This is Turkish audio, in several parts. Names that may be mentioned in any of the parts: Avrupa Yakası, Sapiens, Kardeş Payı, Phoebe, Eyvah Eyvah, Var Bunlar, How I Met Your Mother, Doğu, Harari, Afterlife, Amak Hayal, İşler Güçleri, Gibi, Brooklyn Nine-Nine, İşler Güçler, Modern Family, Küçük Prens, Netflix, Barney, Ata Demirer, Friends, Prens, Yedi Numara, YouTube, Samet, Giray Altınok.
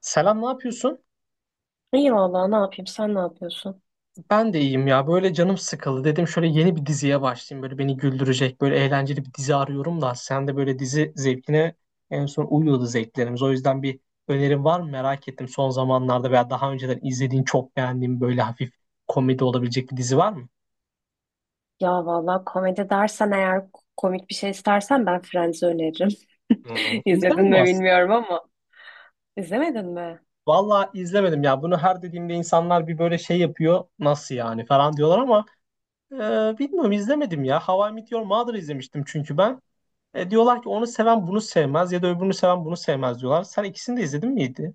Selam, ne yapıyorsun? İyi valla ne yapayım, sen ne yapıyorsun? Ben de iyiyim ya. Böyle canım sıkıldı. Dedim şöyle yeni bir diziye başlayayım. Böyle beni güldürecek, böyle eğlenceli bir dizi arıyorum da. Sen de böyle dizi zevkine en son uyuyordu zevklerimiz. O yüzden bir önerin var mı merak ettim. Son zamanlarda veya daha önceden izlediğin, çok beğendiğin böyle hafif komedi olabilecek bir dizi var mı? Ya valla komedi dersen eğer komik bir şey istersen ben Friends'i öneririm. Hmm. İzledin İzlemedim mi aslında. bilmiyorum ama. İzlemedin mi? Vallahi izlemedim ya. Bunu her dediğimde insanlar bir böyle şey yapıyor. Nasıl yani falan diyorlar ama bilmiyorum izlemedim ya. How I Met Your Mother izlemiştim çünkü ben. Diyorlar ki onu seven bunu sevmez ya da öbürünü seven bunu sevmez diyorlar. Sen ikisini de izledin miydi?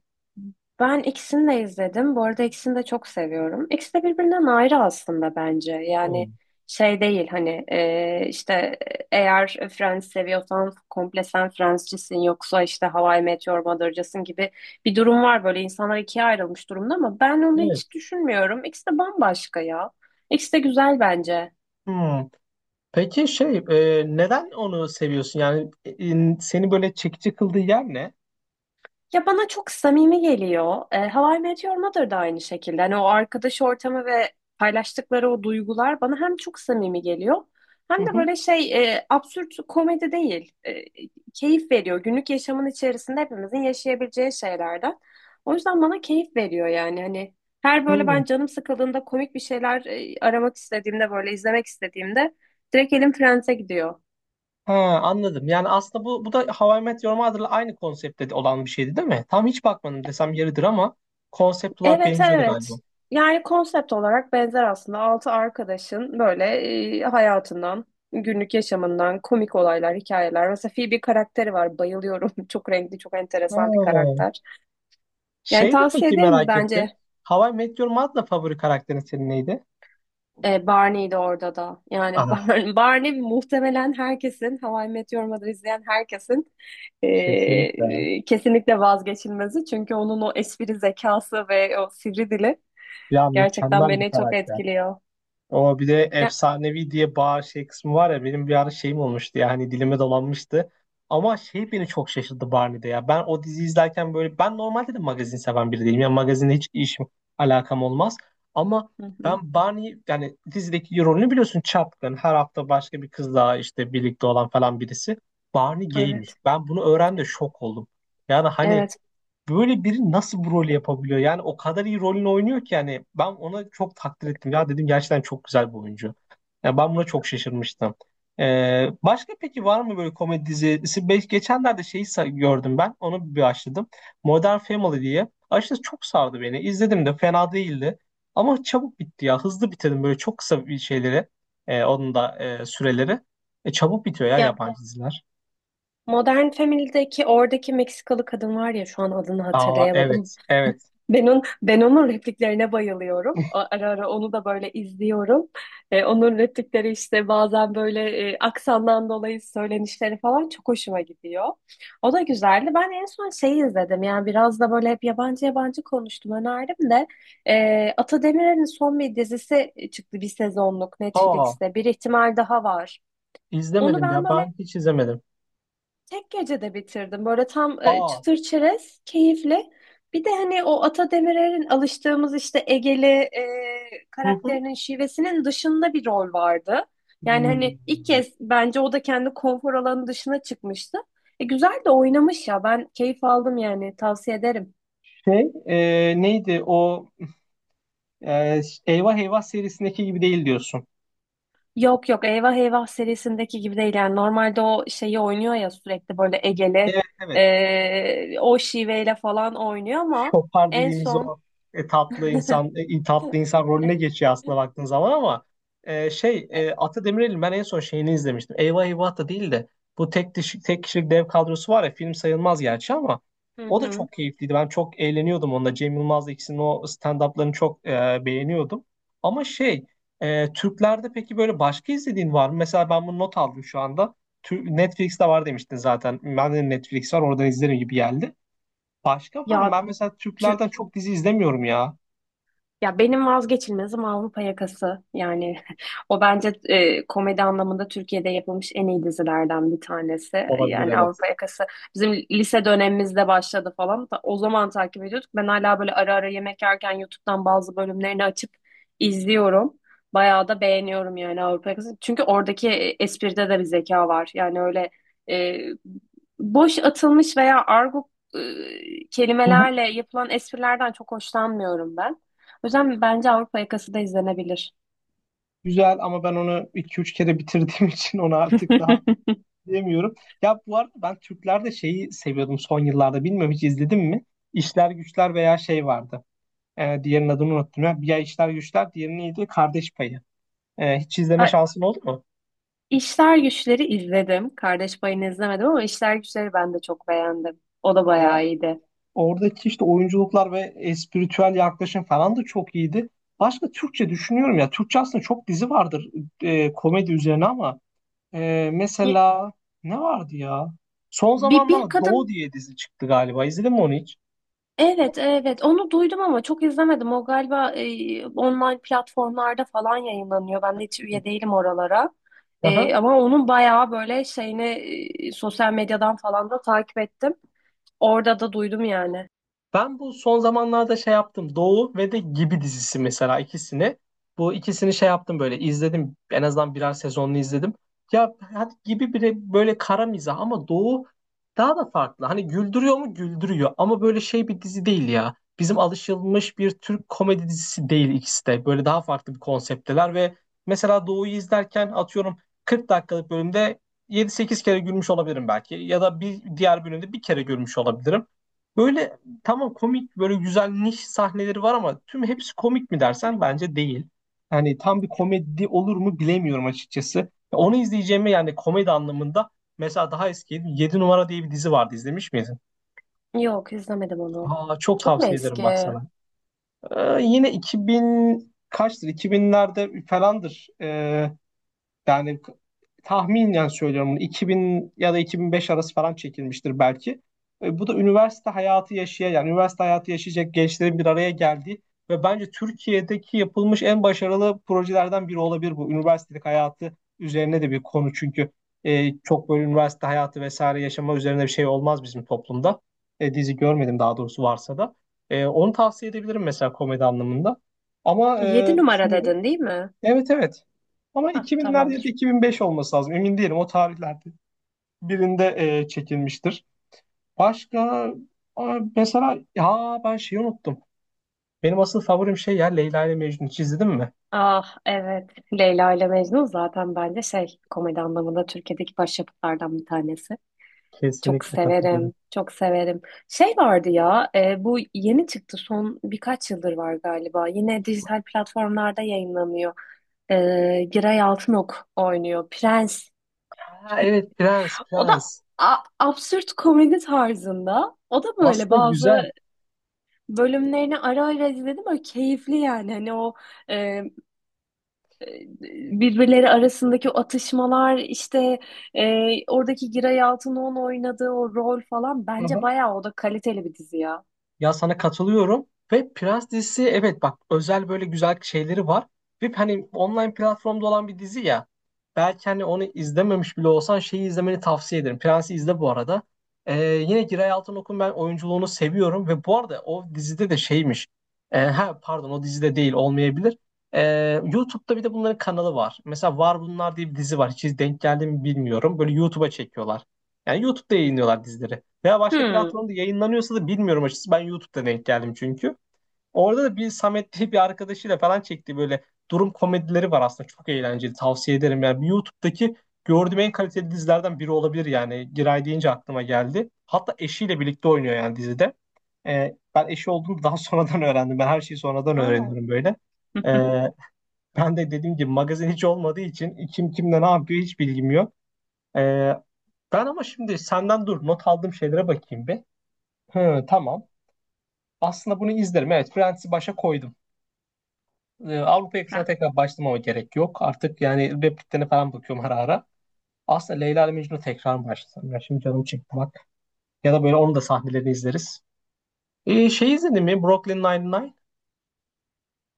Ben ikisini de izledim. Bu arada ikisini de çok seviyorum. İkisi de birbirinden ayrı aslında bence. Yani Hmm. şey değil hani işte eğer Friends seviyorsan komple sen Friends'cisin, yoksa işte How I Met Your Mother'cısın gibi bir durum var, böyle insanlar ikiye ayrılmış durumda ama ben onu Evet. hiç düşünmüyorum. İkisi de bambaşka ya. İkisi de güzel bence. Hmm. Peki şey neden onu seviyorsun? Yani seni böyle çekici kıldığı yer ne? Ya bana çok samimi geliyor. How I Met Your Mother da aynı şekilde. Hani o arkadaş ortamı ve paylaştıkları o duygular bana hem çok samimi geliyor hem Hı de hı. böyle şey absürt komedi değil. Keyif veriyor. Günlük yaşamın içerisinde hepimizin yaşayabileceği şeylerden. O yüzden bana keyif veriyor yani. Hani her böyle Hmm. ben canım sıkıldığında komik bir şeyler aramak istediğimde, böyle izlemek istediğimde direkt elim Friends'e gidiyor. Ha, anladım. Yani aslında bu da How I Met Your Mother'la aynı konseptte de olan bir şeydi değil mi? Tam hiç bakmadım desem yeridir ama konsept olarak Evet, benziyordu galiba. evet. Yani konsept olarak benzer aslında. Altı arkadaşın böyle hayatından, günlük yaşamından komik olaylar, hikayeler. Mesela Phoebe karakteri var. Bayılıyorum. Çok renkli, çok enteresan bir Ha. karakter. Yani Şey de tavsiye peki ederim merak ettim. bence. How I Met Your Mother'la favori karakterin senin neydi? Barney'di orada da. Yani Anam Barney muhtemelen herkesin, How I Met Your Mother izleyen herkesin kesinlikle. Kesinlikle vazgeçilmezi. Çünkü onun o espri zekası ve o sivri dili Ya gerçekten mükemmel bir beni çok karakter. etkiliyor. O bir de Ya. efsanevi diye bağır şey kısmı var ya benim bir ara şeyim olmuştu ya hani dilime dolanmıştı. Ama şey beni çok şaşırttı Barney'de ya. Ben o diziyi izlerken böyle ben normalde de magazin seven biri değilim. Yani magazinle hiç işim alakam olmaz. Ama Hı hı. ben Barney yani dizideki rolünü biliyorsun çapkın. Her hafta başka bir kızla işte birlikte olan falan birisi. Barney gaymiş. Evet. Ben bunu öğrendim şok oldum. Yani hani Evet. böyle biri nasıl bu rolü yapabiliyor? Yani o kadar iyi rolünü oynuyor ki yani ben ona çok takdir ettim. Ya dedim gerçekten çok güzel bir oyuncu. Ya ben buna çok şaşırmıştım. Başka peki var mı böyle komedi dizisi? Geçenlerde şeyi gördüm ben. Onu bir açtım. Modern Family diye. Açıkçası çok sardı beni. İzledim de fena değildi. Ama çabuk bitti ya. Hızlı bitirdim böyle çok kısa bir şeyleri. Onun da süreleri. Çabuk bitiyor ya Ya yabancı diziler. Modern Family'deki oradaki Meksikalı kadın var ya, şu an adını Aa, hatırlayamadım. evet. Evet. Ben onun repliklerine bayılıyorum. Ara ara onu da böyle izliyorum. Onun replikleri işte bazen böyle aksandan dolayı söylenişleri falan çok hoşuma gidiyor. O da güzeldi. Ben en son şeyi izledim. Yani biraz da böyle hep yabancı yabancı konuştum. Önerdim de. Ata Demirer'in son bir dizisi çıktı, bir sezonluk, Aa, Netflix'te. Bir ihtimal daha Var. Onu İzlemedim ben ya. böyle Ben hiç izlemedim. tek gecede bitirdim. Böyle tam Aa. çıtır çerez, keyifli. Bir de hani o Ata Demirer'in alıştığımız işte Egeli Hı hı. karakterinin şivesinin dışında bir rol vardı. Yani Hmm. hani ilk kez bence o da kendi konfor alanı dışına çıkmıştı. Güzel de oynamış ya. Ben keyif aldım yani. Tavsiye ederim. Şey, neydi o e, Eyvah Eyvah serisindeki gibi değil diyorsun. Yok yok, Eyvah Eyvah serisindeki gibi değil. Yani normalde o şeyi oynuyor ya, sürekli böyle Egeli Evet, evet, o şiveyle falan oynuyor ama şopar en dediğimiz son. o tatlı insan, tatlı insan rolüne geçiyor aslında baktığın zaman ama şey, Ata Demirer'in ben en son şeyini izlemiştim. Eyvah Eyvah da değil de bu tek kişilik dev kadrosu var ya, film sayılmaz gerçi ama Hı o da hı. çok keyifliydi. Ben çok eğleniyordum onunla. Cem Yılmaz'la ikisinin o stand-up'larını çok beğeniyordum. Ama şey, Türklerde peki böyle başka izlediğin var mı? Mesela ben bunu not aldım şu anda. Netflix'te var demiştin zaten. Ben de Netflix var, oradan izlerim gibi geldi. Başka var mı? Ya Ben mesela tü- Türklerden çok dizi izlemiyorum ya. ya benim vazgeçilmezim Avrupa Yakası. Yani o bence komedi anlamında Türkiye'de yapılmış en iyi dizilerden bir tanesi. Olabilir, Yani evet. Avrupa Yakası bizim lise dönemimizde başladı falan. O zaman takip ediyorduk. Ben hala böyle ara ara yemek yerken YouTube'dan bazı bölümlerini açıp izliyorum. Bayağı da beğeniyorum yani Avrupa Yakası. Çünkü oradaki espride de bir zeka var. Yani öyle e, boş atılmış veya argo e, Hı hı. kelimelerle yapılan esprilerden çok hoşlanmıyorum ben. O yüzden bence Avrupa Yakası da izlenebilir. Güzel ama ben onu iki üç kere bitirdiğim için onu artık daha diyemiyorum. Ya bu arada ben Türklerde şeyi seviyordum son yıllarda. Bilmiyorum, hiç izledim mi? İşler Güçler veya şey vardı. Diğerinin adını unuttum ya. Bir ya İşler Güçler, diğeri neydi? Kardeş Payı. Hiç izleme A- şansın oldu mu? İşler Güçler'i izledim. Kardeş Payı'nı izlemedim ama İşler Güçler'i ben de çok beğendim. O da Ya bayağı iyiydi. oradaki işte oyunculuklar ve espritüel yaklaşım falan da çok iyiydi. Başka Türkçe düşünüyorum ya. Türkçe aslında çok dizi vardır komedi üzerine ama. Ye- mesela, ne vardı ya? Son bir zamanlarda Doğu kadın, diye dizi çıktı galiba. İzledin mi onu hiç? evet evet, onu duydum ama çok izlemedim. O galiba online platformlarda falan yayınlanıyor. Ben de hiç üye değilim oralara. Aha. Ama onun bayağı böyle şeyini sosyal medyadan falan da takip ettim. Orada da duydum yani. Ben bu son zamanlarda şey yaptım. Doğu ve de Gibi dizisi, mesela ikisini. Bu ikisini şey yaptım, böyle izledim. En azından birer sezonunu izledim. Ya hadi Gibi bile böyle kara mizah ama Doğu daha da farklı. Hani güldürüyor mu? Güldürüyor. Ama böyle şey bir dizi değil ya. Bizim alışılmış bir Türk komedi dizisi değil ikisi de. Böyle daha farklı bir konseptteler ve mesela Doğu'yu izlerken, atıyorum, 40 dakikalık bölümde yedi sekiz kere gülmüş olabilirim belki. Ya da bir diğer bölümde bir kere gülmüş olabilirim. Böyle tamam, komik, böyle güzel niş sahneleri var ama tüm hepsi komik mi dersen bence değil. Yani tam bir komedi olur mu bilemiyorum açıkçası. Ya onu izleyeceğimi, yani komedi anlamında, mesela daha eski yedi numara diye bir dizi vardı, izlemiş miydin? Yok, izlemedim onu. Aa, çok Çok mu tavsiye ederim bak eski? sana. Yine 2000 kaçtır, 2000'lerde falandır. Yani tahminen söylüyorum, bunu 2000 ya da 2005 arası falan çekilmiştir belki. Bu da üniversite hayatı yaşayan, yani üniversite hayatı yaşayacak gençlerin bir araya geldiği ve bence Türkiye'deki yapılmış en başarılı projelerden biri olabilir bu. Üniversitelik hayatı üzerine de bir konu çünkü çok böyle üniversite hayatı vesaire yaşama üzerine bir şey olmaz bizim toplumda. Dizi görmedim daha doğrusu, varsa da. Onu tavsiye edebilirim mesela komedi anlamında. Ama Yedi Numara düşünüyorum. dedin değil mi? Evet, evet. Ama Hah, 2000'lerde ya da tamamdır. 2005 olması lazım. Emin değilim o tarihlerde. Birinde çekilmiştir. Başka. Aa, mesela ha, ben şeyi unuttum. Benim asıl favorim şey ya, Leyla ile Mecnun. Hiç izledin mi? Ah, evet. Leyla ile Mecnun zaten bence şey, komedi anlamında Türkiye'deki başyapıtlardan bir tanesi. Çok Kesinlikle katılıyorum. severim. Çok severim. Şey vardı ya, bu yeni çıktı, son birkaç yıldır var galiba. Yine dijital platformlarda yayınlanıyor. E, Giray Altınok oynuyor. Prens. Ha, evet, Prens, O da Prens. Absürt komedi tarzında. O da böyle Aslında güzel. bazı bölümlerini ara ara izledim. Böyle keyifli yani. Hani o e, birbirleri arasındaki o atışmalar, işte oradaki Giray Altınoğlu'nun oynadığı o rol falan Aha. bence bayağı, o da kaliteli bir dizi ya. Ya sana katılıyorum ve Prens dizisi, evet bak, özel böyle güzel şeyleri var. Ve hani online platformda olan bir dizi ya. Belki hani onu izlememiş bile olsan şeyi izlemeni tavsiye ederim. Prens'i izle bu arada. Yine Giray Altınok'un ben oyunculuğunu seviyorum ve bu arada o dizide de şeymiş. Ha pardon, o dizide değil olmayabilir. YouTube'da bir de bunların kanalı var. Mesela Var Bunlar diye bir dizi var. Hiç denk geldi mi bilmiyorum. Böyle YouTube'a çekiyorlar. Yani YouTube'da yayınlıyorlar dizileri. Veya başka Hmm. platformda yayınlanıyorsa da bilmiyorum açıkçası. Ben YouTube'da denk geldim çünkü. Orada da bir Samet diye bir arkadaşıyla falan çekti, böyle durum komedileri var aslında. Çok eğlenceli. Tavsiye ederim. Yani YouTube'daki gördüğüm en kaliteli dizilerden biri olabilir yani. Giray deyince aklıma geldi. Hatta eşiyle birlikte oynuyor yani dizide. Ben eşi olduğunu daha sonradan öğrendim. Ben her şeyi sonradan Oo. öğreniyorum böyle. Ee, ben de dediğim gibi magazin hiç olmadığı için kim kimle ne yapıyor hiç bilgim yok. Ee, ben ama şimdi senden dur, not aldığım şeylere bakayım bir. Hı, tamam. Aslında bunu izlerim. Evet, Friends'i başa koydum. Avrupa yakasına Ha. tekrar başlamama gerek yok. Artık yani repliklerine falan bakıyorum ara ara. Aslında Leyla ile Mecnun'u tekrar başlasam. Ya şimdi canım çekti bak. Ya da böyle onun da sahnelerini izleriz. Şey, izledin mi? Brooklyn Nine-Nine.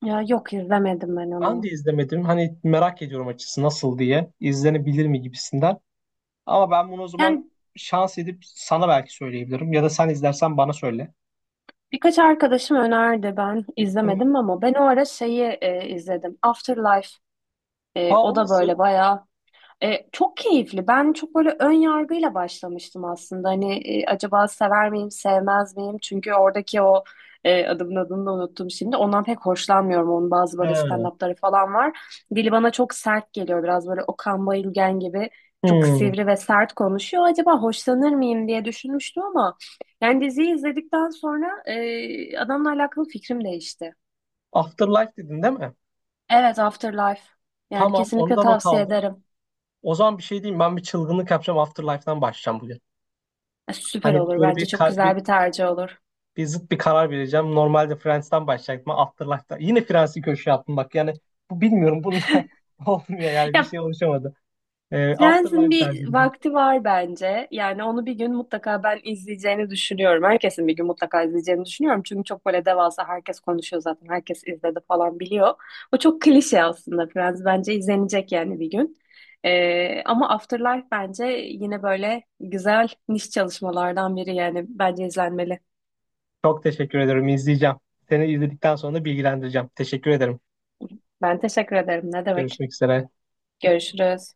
Ya yok, izlemedim ben Ben de onu. izlemedim. Hani merak ediyorum açısı nasıl diye. İzlenebilir mi gibisinden. Ama ben bunu o zaman Yani şans edip sana belki söyleyebilirim. Ya da sen izlersen bana söyle. birkaç arkadaşım önerdi, ben Hı. izlemedim ama ben o ara şeyi izledim. Afterlife. Ha, O o da nasıl? böyle bayağı. Çok keyifli. Ben çok böyle ön yargıyla başlamıştım aslında. Hani acaba sever miyim, sevmez miyim? Çünkü oradaki o adamın adını da unuttum şimdi. Ondan pek hoşlanmıyorum. Onun bazı böyle He. stand-up'ları falan var. Dili bana çok sert geliyor. Biraz böyle Okan Bayülgen gibi çok Hmm. sivri ve sert konuşuyor. Acaba hoşlanır mıyım diye düşünmüştüm ama yani diziyi izledikten sonra adamla alakalı fikrim değişti. Afterlife dedin değil mi? Evet, Afterlife. Yani Tamam, onu kesinlikle da not tavsiye aldım. ederim. O zaman bir şey diyeyim. Ben bir çılgınlık yapacağım. Afterlife'dan başlayacağım bugün. Süper Hani olur. böyle Bence bir, çok kar- bir, güzel bir tercih olur. bir zıt bir karar vereceğim. Normalde Friends'ten başlayacaktım, ama Afterlife'da. Yine Friends'i köşeye attım bak. Yani bu, bilmiyorum. Bununla olmuyor yani. Bir Ya şey oluşamadı. Friends'in Afterlife tercih bir edeceğim. vakti var bence. Yani onu bir gün mutlaka ben izleyeceğini düşünüyorum. Herkesin bir gün mutlaka izleyeceğini düşünüyorum. Çünkü çok böyle devasa, herkes konuşuyor zaten. Herkes izledi falan, biliyor. O çok klişe aslında, Friends. Bence izlenecek yani bir gün. Ama Afterlife bence yine böyle güzel niş çalışmalardan biri yani. Bence izlenmeli. Çok teşekkür ederim, izleyeceğim. Seni izledikten sonra da bilgilendireceğim. Teşekkür ederim. Ben teşekkür ederim. Ne demek? Görüşmek üzere. Görüşürüz.